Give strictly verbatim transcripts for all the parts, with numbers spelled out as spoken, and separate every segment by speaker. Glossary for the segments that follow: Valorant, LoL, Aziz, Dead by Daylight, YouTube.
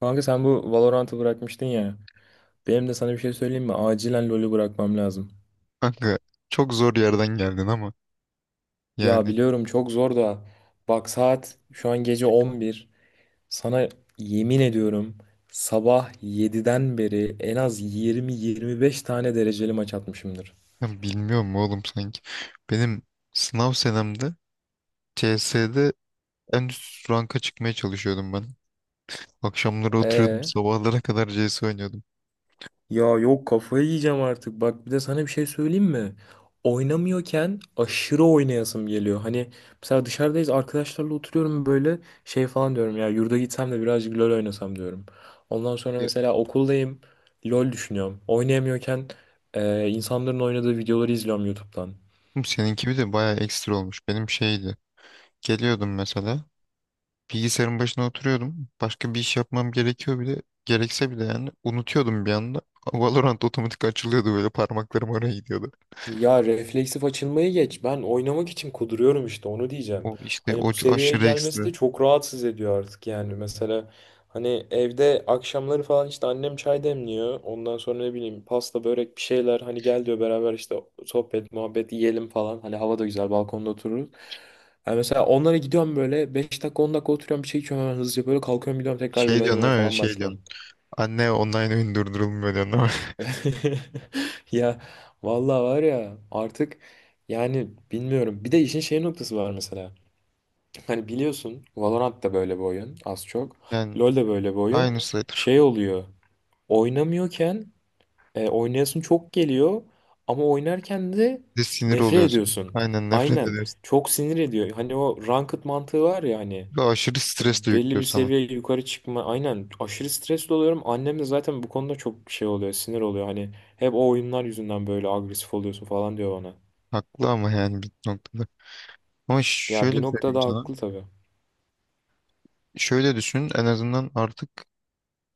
Speaker 1: Kanka sen bu Valorant'ı bırakmıştın ya. Benim de sana bir şey söyleyeyim mi? Acilen LoL'ü bırakmam lazım.
Speaker 2: Kanka çok zor yerden geldin ama
Speaker 1: Ya
Speaker 2: yani
Speaker 1: biliyorum çok zor da. Bak saat şu an gece on bir. Sana yemin ediyorum sabah yediden beri en az yirmi yirmi beş tane dereceli maç atmışımdır.
Speaker 2: ben bilmiyorum oğlum sanki. Benim sınav senemde C S'de en üst ranka çıkmaya çalışıyordum ben. Akşamları oturuyordum
Speaker 1: Ee?
Speaker 2: sabahlara kadar C S oynuyordum.
Speaker 1: Ya yok kafayı yiyeceğim artık. Bak bir de sana bir şey söyleyeyim mi? Oynamıyorken aşırı oynayasım geliyor. Hani mesela dışarıdayız arkadaşlarla oturuyorum böyle şey falan diyorum ya yurda gitsem de birazcık LoL oynasam diyorum. Ondan sonra
Speaker 2: Ya.
Speaker 1: mesela okuldayım LoL düşünüyorum. Oynayamıyorken e, insanların oynadığı videoları izliyorum YouTube'dan.
Speaker 2: Oğlum seninki bir de bayağı ekstra olmuş. Benim şeydi. Geliyordum mesela bilgisayarın başına oturuyordum. Başka bir iş yapmam gerekiyor bile. Gerekse bile yani unutuyordum bir anda. Valorant otomatik açılıyordu böyle parmaklarım oraya gidiyordu.
Speaker 1: Ya refleksif açılmayı geç. Ben oynamak için kuduruyorum işte onu diyeceğim.
Speaker 2: O işte
Speaker 1: Hani
Speaker 2: o
Speaker 1: bu seviyeye
Speaker 2: aşırı
Speaker 1: gelmesi
Speaker 2: ekstra.
Speaker 1: de çok rahatsız ediyor artık yani. Mesela hani evde akşamları falan işte annem çay demliyor. Ondan sonra ne bileyim pasta börek bir şeyler hani gel diyor beraber işte sohbet muhabbet yiyelim falan. Hani hava da güzel balkonda otururuz. Yani mesela onlara gidiyorum böyle beş dakika on dakika oturuyorum bir şey içiyorum hemen hızlıca böyle kalkıyorum gidiyorum tekrar
Speaker 2: Şey
Speaker 1: LoL
Speaker 2: diyorsun
Speaker 1: oynamaya
Speaker 2: değil mi?
Speaker 1: falan
Speaker 2: Şey diyorsun.
Speaker 1: başlıyorum.
Speaker 2: Anne online oyun durdurulmuyor diyorsun ama.
Speaker 1: Ya vallahi var ya artık yani bilmiyorum. Bir de işin şey noktası var mesela. Hani biliyorsun Valorant da böyle bir oyun az çok.
Speaker 2: Yani
Speaker 1: LoL de böyle bir oyun.
Speaker 2: aynı sayıdır.
Speaker 1: Şey oluyor. Oynamıyorken e, oynayasın çok geliyor ama oynarken de
Speaker 2: Bir de sinir
Speaker 1: nefret
Speaker 2: oluyorsun.
Speaker 1: ediyorsun.
Speaker 2: Aynen nefret
Speaker 1: Aynen.
Speaker 2: ediyorsun.
Speaker 1: Çok sinir ediyor. Hani o ranked mantığı var ya hani
Speaker 2: Ve aşırı stres de
Speaker 1: belli
Speaker 2: yüklüyor
Speaker 1: bir
Speaker 2: sana.
Speaker 1: seviye yukarı çıkma. Aynen aşırı stresli oluyorum. Annem de zaten bu konuda çok şey oluyor, sinir oluyor. Hani hep o oyunlar yüzünden böyle agresif oluyorsun falan diyor bana.
Speaker 2: Haklı ama yani bir noktada. Ama
Speaker 1: Ya bir
Speaker 2: şöyle söyleyeyim
Speaker 1: noktada
Speaker 2: sana.
Speaker 1: haklı tabii.
Speaker 2: Şöyle düşün, en azından artık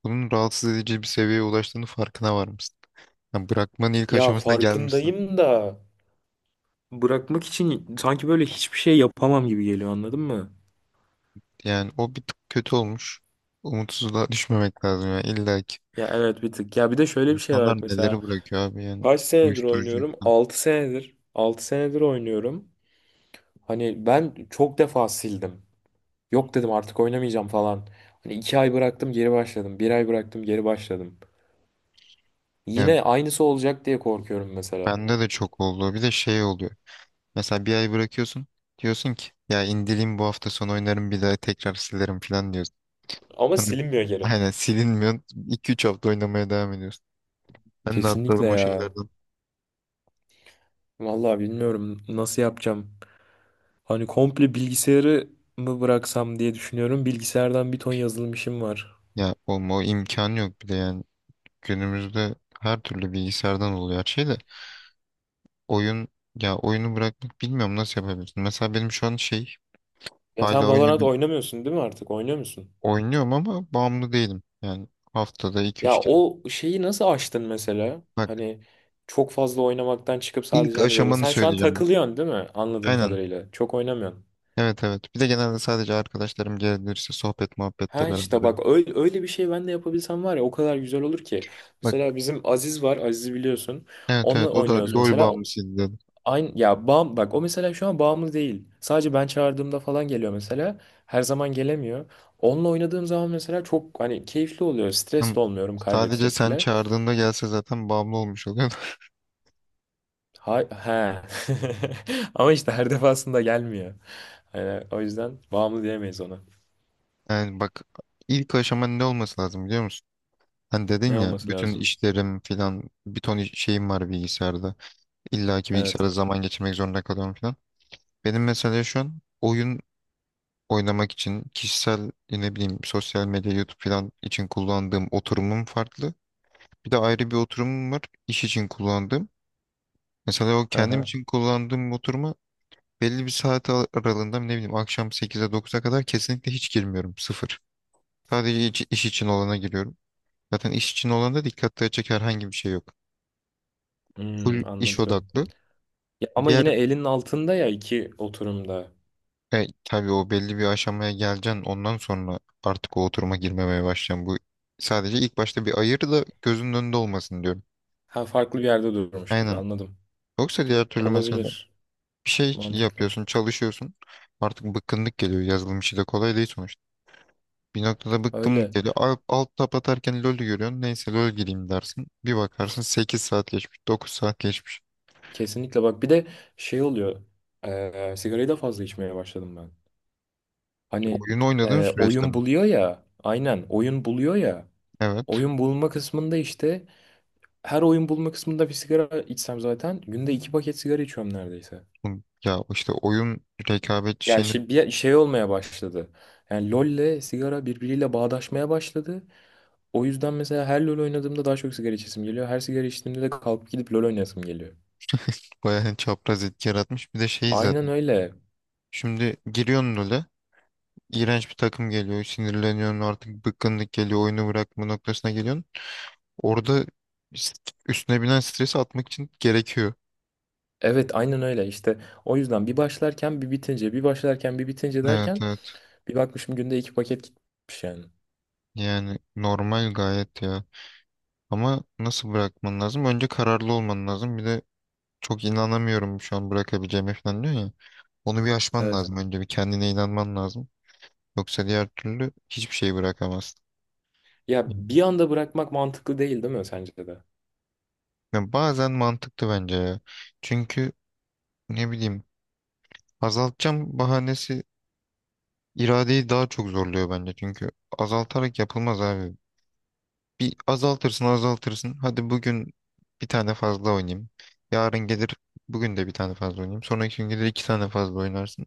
Speaker 2: bunun rahatsız edici bir seviyeye ulaştığını farkına varmışsın. Yani bırakmanın ilk
Speaker 1: Ya
Speaker 2: aşamasına gelmişsin.
Speaker 1: farkındayım da bırakmak için sanki böyle hiçbir şey yapamam gibi geliyor anladın mı?
Speaker 2: Yani o bir tık kötü olmuş. Umutsuzluğa düşmemek lazım yani illa ki.
Speaker 1: Ya evet bir tık. Ya bir de şöyle bir şey
Speaker 2: İnsanlar
Speaker 1: var
Speaker 2: neleri
Speaker 1: mesela.
Speaker 2: bırakıyor abi, yani
Speaker 1: Kaç senedir
Speaker 2: uyuşturucu
Speaker 1: oynuyorum?
Speaker 2: falan.
Speaker 1: Altı senedir. Altı senedir oynuyorum. Hani ben çok defa sildim. Yok dedim artık oynamayacağım falan. Hani iki ay bıraktım geri başladım. Bir ay bıraktım geri başladım.
Speaker 2: Yani
Speaker 1: Yine aynısı olacak diye korkuyorum mesela.
Speaker 2: bende de çok oldu. Bir de şey oluyor. Mesela bir ay bırakıyorsun. Diyorsun ki ya indireyim bu hafta sonu oynarım bir daha tekrar silerim falan diyorsun.
Speaker 1: Ama
Speaker 2: Sonra
Speaker 1: silinmiyor geri.
Speaker 2: aynen silinmiyor. iki üç hafta oynamaya devam ediyorsun. Ben de
Speaker 1: Kesinlikle
Speaker 2: atladım o
Speaker 1: ya.
Speaker 2: şeylerden.
Speaker 1: Vallahi bilmiyorum nasıl yapacağım. Hani komple bilgisayarı mı bıraksam diye düşünüyorum. Bilgisayardan bir ton yazılım işim var.
Speaker 2: Ya olma, o imkan yok bir de yani. Günümüzde her türlü bilgisayardan oluyor her şey de. Oyun, ya oyunu bırakmak bilmiyorum nasıl yapabilirsin. Mesela benim şu an şey,
Speaker 1: Ya sen
Speaker 2: hala
Speaker 1: Valorant
Speaker 2: oynadım,
Speaker 1: oynamıyorsun değil mi artık? Oynuyor musun?
Speaker 2: oynuyorum ama bağımlı değilim. Yani haftada iki
Speaker 1: Ya
Speaker 2: üç kere.
Speaker 1: o şeyi nasıl aştın mesela?
Speaker 2: Bak,
Speaker 1: Hani çok fazla oynamaktan çıkıp
Speaker 2: ilk
Speaker 1: sadece hani böyle.
Speaker 2: aşamanı
Speaker 1: Sen şu an
Speaker 2: söyleyeceğim, bak.
Speaker 1: takılıyorsun değil mi? Anladığım
Speaker 2: Aynen.
Speaker 1: kadarıyla. Çok oynamıyorsun.
Speaker 2: Evet evet. Bir de genelde sadece arkadaşlarım gelirse sohbet muhabbette
Speaker 1: Ha
Speaker 2: beraber.
Speaker 1: işte
Speaker 2: Öyle.
Speaker 1: bak öyle, öyle bir şey ben de yapabilsem var ya o kadar güzel olur ki.
Speaker 2: Bak,
Speaker 1: Mesela bizim Aziz var. Aziz'i biliyorsun.
Speaker 2: evet
Speaker 1: Onunla
Speaker 2: evet, o da
Speaker 1: oynuyoruz
Speaker 2: LOL
Speaker 1: mesela. O-
Speaker 2: bağımlısıydı dedi.
Speaker 1: Aynı ya bağım bak o mesela şu an bağımlı değil. Sadece ben çağırdığımda falan geliyor mesela. Her zaman gelemiyor. Onunla oynadığım zaman mesela çok hani keyifli oluyor. Stres
Speaker 2: Ama
Speaker 1: de olmuyorum
Speaker 2: sadece
Speaker 1: kaybetsek
Speaker 2: sen
Speaker 1: bile.
Speaker 2: çağırdığında gelse zaten bağımlı olmuş oluyor.
Speaker 1: Ha, he. Ama işte her defasında gelmiyor. Yani o yüzden bağımlı diyemeyiz ona.
Speaker 2: Yani bak, ilk aşama ne olması lazım biliyor musun? Hani dedin
Speaker 1: Ne
Speaker 2: ya,
Speaker 1: olması
Speaker 2: bütün
Speaker 1: lazım?
Speaker 2: işlerim filan, bir ton iş- şeyim var bilgisayarda. İlla ki
Speaker 1: Evet.
Speaker 2: bilgisayarda zaman geçirmek zorunda kalıyorum filan. Benim mesela şu an oyun oynamak için kişisel, ne bileyim, sosyal medya, YouTube filan için kullandığım oturumum farklı. Bir de ayrı bir oturumum var, İş için kullandığım. Mesela o
Speaker 1: Hı
Speaker 2: kendim
Speaker 1: hı.
Speaker 2: için kullandığım oturuma belli bir saat ar- aralığında, ne bileyim, akşam sekize dokuza kadar kesinlikle hiç girmiyorum. Sıfır. Sadece iç- iş için olana giriyorum. Zaten iş için olanda dikkat dağıtacak herhangi bir şey yok. Full
Speaker 1: Hmm,
Speaker 2: iş
Speaker 1: anladım.
Speaker 2: odaklı.
Speaker 1: Ya ama
Speaker 2: Diğer
Speaker 1: yine elinin altında ya iki oturumda.
Speaker 2: e, tabii o belli bir aşamaya geleceksin. Ondan sonra artık o oturuma girmemeye başlayacaksın. Bu sadece ilk başta bir ayır da gözünün önünde olmasın diyorum.
Speaker 1: Ha farklı bir yerde durmuş gibi
Speaker 2: Aynen.
Speaker 1: anladım.
Speaker 2: Yoksa diğer türlü mesela
Speaker 1: Olabilir.
Speaker 2: bir şey
Speaker 1: Mantıklı.
Speaker 2: yapıyorsun, çalışıyorsun. Artık bıkkınlık geliyor. Yazılım işi de kolay değil sonuçta. Bir noktada bıkkınlık
Speaker 1: Öyle.
Speaker 2: geliyor. Alt, alt tab atarken LoL görüyorsun. Neyse LoL gireyim dersin. Bir bakarsın sekiz saat geçmiş, dokuz saat geçmiş.
Speaker 1: Kesinlikle bak bir de şey oluyor. Eee sigarayı da fazla içmeye başladım ben. Hani
Speaker 2: Oyun oynadığın
Speaker 1: eee,
Speaker 2: süreçte
Speaker 1: oyun
Speaker 2: mi?
Speaker 1: buluyor ya. Aynen oyun buluyor ya.
Speaker 2: Evet.
Speaker 1: Oyun bulma kısmında işte her oyun bulma kısmında bir sigara içsem zaten günde iki paket sigara içiyorum neredeyse.
Speaker 2: Bu- Ya işte oyun rekabetçi
Speaker 1: Yani
Speaker 2: şeyini
Speaker 1: şey, bir şey olmaya başladı. Yani LoL'le sigara birbiriyle bağdaşmaya başladı. O yüzden mesela her LoL oynadığımda daha çok sigara içesim geliyor. Her sigara içtiğimde de kalkıp gidip LoL oynasım geliyor.
Speaker 2: bayağı çapraz etki yaratmış. Bir de şey
Speaker 1: Aynen
Speaker 2: zaten.
Speaker 1: öyle.
Speaker 2: Şimdi giriyorsun LoL'e. İğrenç bir takım geliyor. Sinirleniyorsun, artık bıkkınlık geliyor. Oyunu bırakma noktasına geliyorsun. Orada üstüne binen stresi atmak için gerekiyor.
Speaker 1: Evet aynen öyle işte. O yüzden bir başlarken bir bitince, bir başlarken bir bitince
Speaker 2: Evet
Speaker 1: derken
Speaker 2: evet,
Speaker 1: bir bakmışım günde iki paket gitmiş yani.
Speaker 2: yani normal gayet ya, ama nasıl bırakman lazım? Önce kararlı olman lazım. Bir de çok inanamıyorum şu an bırakabileceğime falan diyor ya, onu bir aşman
Speaker 1: Evet.
Speaker 2: lazım, önce bir kendine inanman lazım, yoksa diğer türlü hiçbir şey bırakamazsın.
Speaker 1: Ya bir anda bırakmak mantıklı değil değil mi sence de?
Speaker 2: Yani bazen mantıklı bence ya, çünkü ne bileyim, azaltacağım bahanesi iradeyi daha çok zorluyor bence, çünkü azaltarak yapılmaz abi. Bir azaltırsın azaltırsın. Hadi bugün bir tane fazla oynayayım. Yarın gelir, bugün de bir tane fazla oynayayım. Sonraki gün gelir iki tane fazla oynarsın.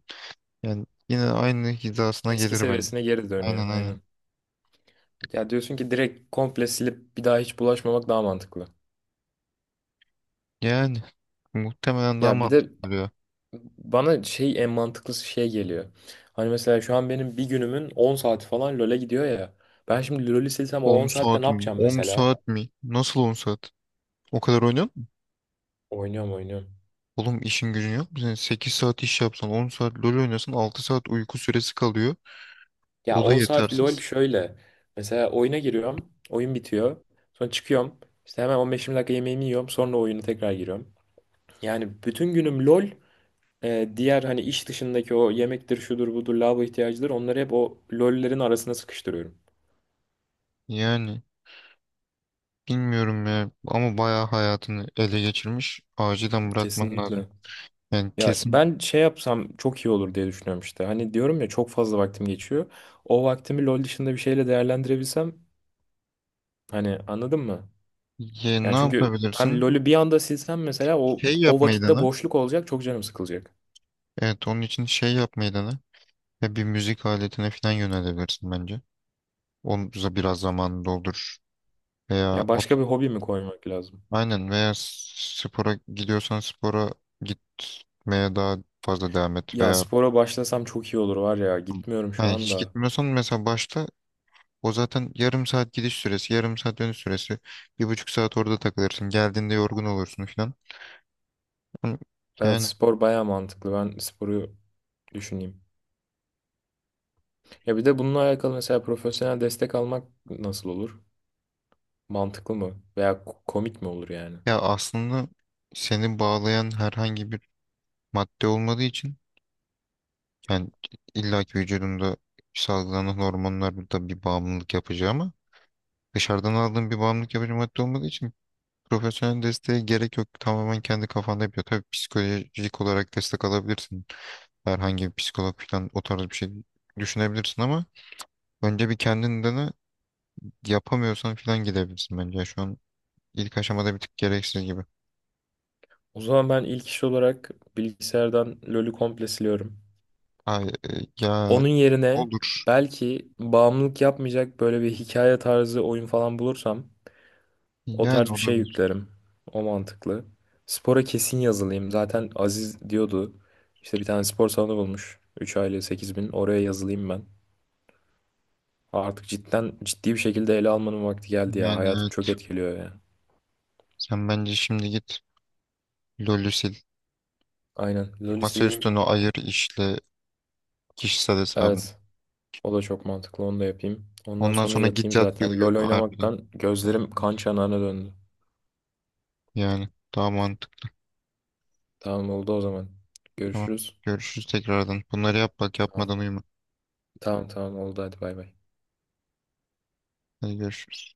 Speaker 2: Yani yine aynı hizasına
Speaker 1: Eski
Speaker 2: gelir bence.
Speaker 1: seviyesine geri dönüyor
Speaker 2: Aynen aynen.
Speaker 1: aynen. Ya diyorsun ki direkt komple silip bir daha hiç bulaşmamak daha mantıklı.
Speaker 2: Yani muhtemelen daha
Speaker 1: Ya bir de
Speaker 2: mantıklı duruyor.
Speaker 1: bana şey en mantıklısı şey geliyor. Hani mesela şu an benim bir günümün on saati falan LoL'e gidiyor ya. Ben şimdi LoL'ü silsem o
Speaker 2: on
Speaker 1: on saatte
Speaker 2: saat
Speaker 1: ne
Speaker 2: mi?
Speaker 1: yapacağım
Speaker 2: on
Speaker 1: mesela?
Speaker 2: saat mi? Nasıl on saat? O kadar oynuyor musun?
Speaker 1: Oynuyorum oynuyorum.
Speaker 2: Oğlum işin gücün yok mu? Sen sekiz saat iş yapsan, on saat LoL oynasan, altı saat uyku süresi kalıyor.
Speaker 1: Ya
Speaker 2: O da
Speaker 1: on saat LoL
Speaker 2: yetersiz.
Speaker 1: şöyle. Mesela oyuna giriyorum. Oyun bitiyor. Sonra çıkıyorum. İşte hemen on beş yirmi dakika yemeğimi yiyorum. Sonra oyuna tekrar giriyorum. Yani bütün günüm LoL. E, diğer hani iş dışındaki o yemektir, şudur, budur, lavabo ihtiyacıdır. Onları hep o LoL'lerin arasına sıkıştırıyorum.
Speaker 2: Yani bilmiyorum ya, ama bayağı hayatını ele geçirmiş. Acilen bırakman lazım.
Speaker 1: Kesinlikle.
Speaker 2: Yani
Speaker 1: Ya
Speaker 2: kesin.
Speaker 1: ben şey yapsam çok iyi olur diye düşünüyorum işte. Hani diyorum ya çok fazla vaktim geçiyor. O vaktimi LoL dışında bir şeyle değerlendirebilsem hani anladın mı?
Speaker 2: Ya,
Speaker 1: Yani
Speaker 2: ne
Speaker 1: çünkü hem
Speaker 2: yapabilirsin?
Speaker 1: LoL'ü bir anda silsem mesela o
Speaker 2: Şey
Speaker 1: o
Speaker 2: yapmayı
Speaker 1: vakitte
Speaker 2: dene.
Speaker 1: boşluk olacak, çok canım sıkılacak.
Speaker 2: Evet, onun için şey yapmayı dene. Ya bir müzik aletine falan yönelebilirsin bence. Onu biraz zamanını doldur. Veya
Speaker 1: Ya
Speaker 2: o,
Speaker 1: başka bir hobi mi koymak lazım?
Speaker 2: aynen, veya spora gidiyorsan spora gitmeye daha fazla devam et.
Speaker 1: Ya
Speaker 2: Veya
Speaker 1: spora başlasam çok iyi olur var ya. Gitmiyorum şu
Speaker 2: yani hiç
Speaker 1: anda.
Speaker 2: gitmiyorsan mesela başta. O zaten yarım saat gidiş süresi, yarım saat dönüş süresi. Bir buçuk saat orada takılırsın. Geldiğinde yorgun olursun falan. Ama,
Speaker 1: Evet
Speaker 2: yani
Speaker 1: spor baya mantıklı. Ben sporu düşüneyim. Ya bir de bununla alakalı mesela profesyonel destek almak nasıl olur? Mantıklı mı? Veya ko- komik mi olur yani?
Speaker 2: ya, aslında seni bağlayan herhangi bir madde olmadığı için, yani illaki vücudunda salgılanan hormonlar da bir bağımlılık yapıcı, ama dışarıdan aldığın bir bağımlılık yapıcı madde olmadığı için profesyonel desteğe gerek yok. Tamamen kendi kafanda yapıyor. Tabii psikolojik olarak destek alabilirsin. Herhangi bir psikolog falan, o tarz bir şey düşünebilirsin, ama önce bir kendini dene. Yapamıyorsan falan gidebilirsin bence. Şu an ilk aşamada bir tık gereksiz gibi.
Speaker 1: O zaman ben ilk iş olarak bilgisayardan LoL'ü komple siliyorum.
Speaker 2: Ay, e, ya,
Speaker 1: Onun yerine
Speaker 2: olur.
Speaker 1: belki bağımlılık yapmayacak böyle bir hikaye tarzı oyun falan bulursam o tarz
Speaker 2: Yani
Speaker 1: bir şey
Speaker 2: olabilir.
Speaker 1: yüklerim. O mantıklı. Spora kesin yazılayım. Zaten Aziz diyordu. İşte bir tane spor salonu bulmuş. Üç aile sekiz bin. Oraya yazılayım ben. Artık cidden ciddi bir şekilde ele almanın vakti geldi ya.
Speaker 2: Yani
Speaker 1: Hayatım çok
Speaker 2: evet.
Speaker 1: etkiliyor ya.
Speaker 2: Sen bence şimdi git, LoL'ü sil.
Speaker 1: Aynen. LoL'ü
Speaker 2: Masa
Speaker 1: sileyim.
Speaker 2: üstünü ayır, işle kişisel hesabını.
Speaker 1: Evet. O da çok mantıklı. Onu da yapayım. Ondan
Speaker 2: Ondan
Speaker 1: sonra
Speaker 2: sonra git
Speaker 1: yatayım
Speaker 2: yat, bir
Speaker 1: zaten.
Speaker 2: uyu
Speaker 1: LoL
Speaker 2: harbiden.
Speaker 1: oynamaktan gözlerim
Speaker 2: Evet.
Speaker 1: kan çanağına döndü.
Speaker 2: Yani daha mantıklı.
Speaker 1: Tamam oldu o zaman.
Speaker 2: Tamam.
Speaker 1: Görüşürüz.
Speaker 2: Görüşürüz tekrardan. Bunları yap, bak,
Speaker 1: Tamam.
Speaker 2: yapmadan uyuma.
Speaker 1: Tamam tamam oldu hadi bay bay.
Speaker 2: Hadi görüşürüz.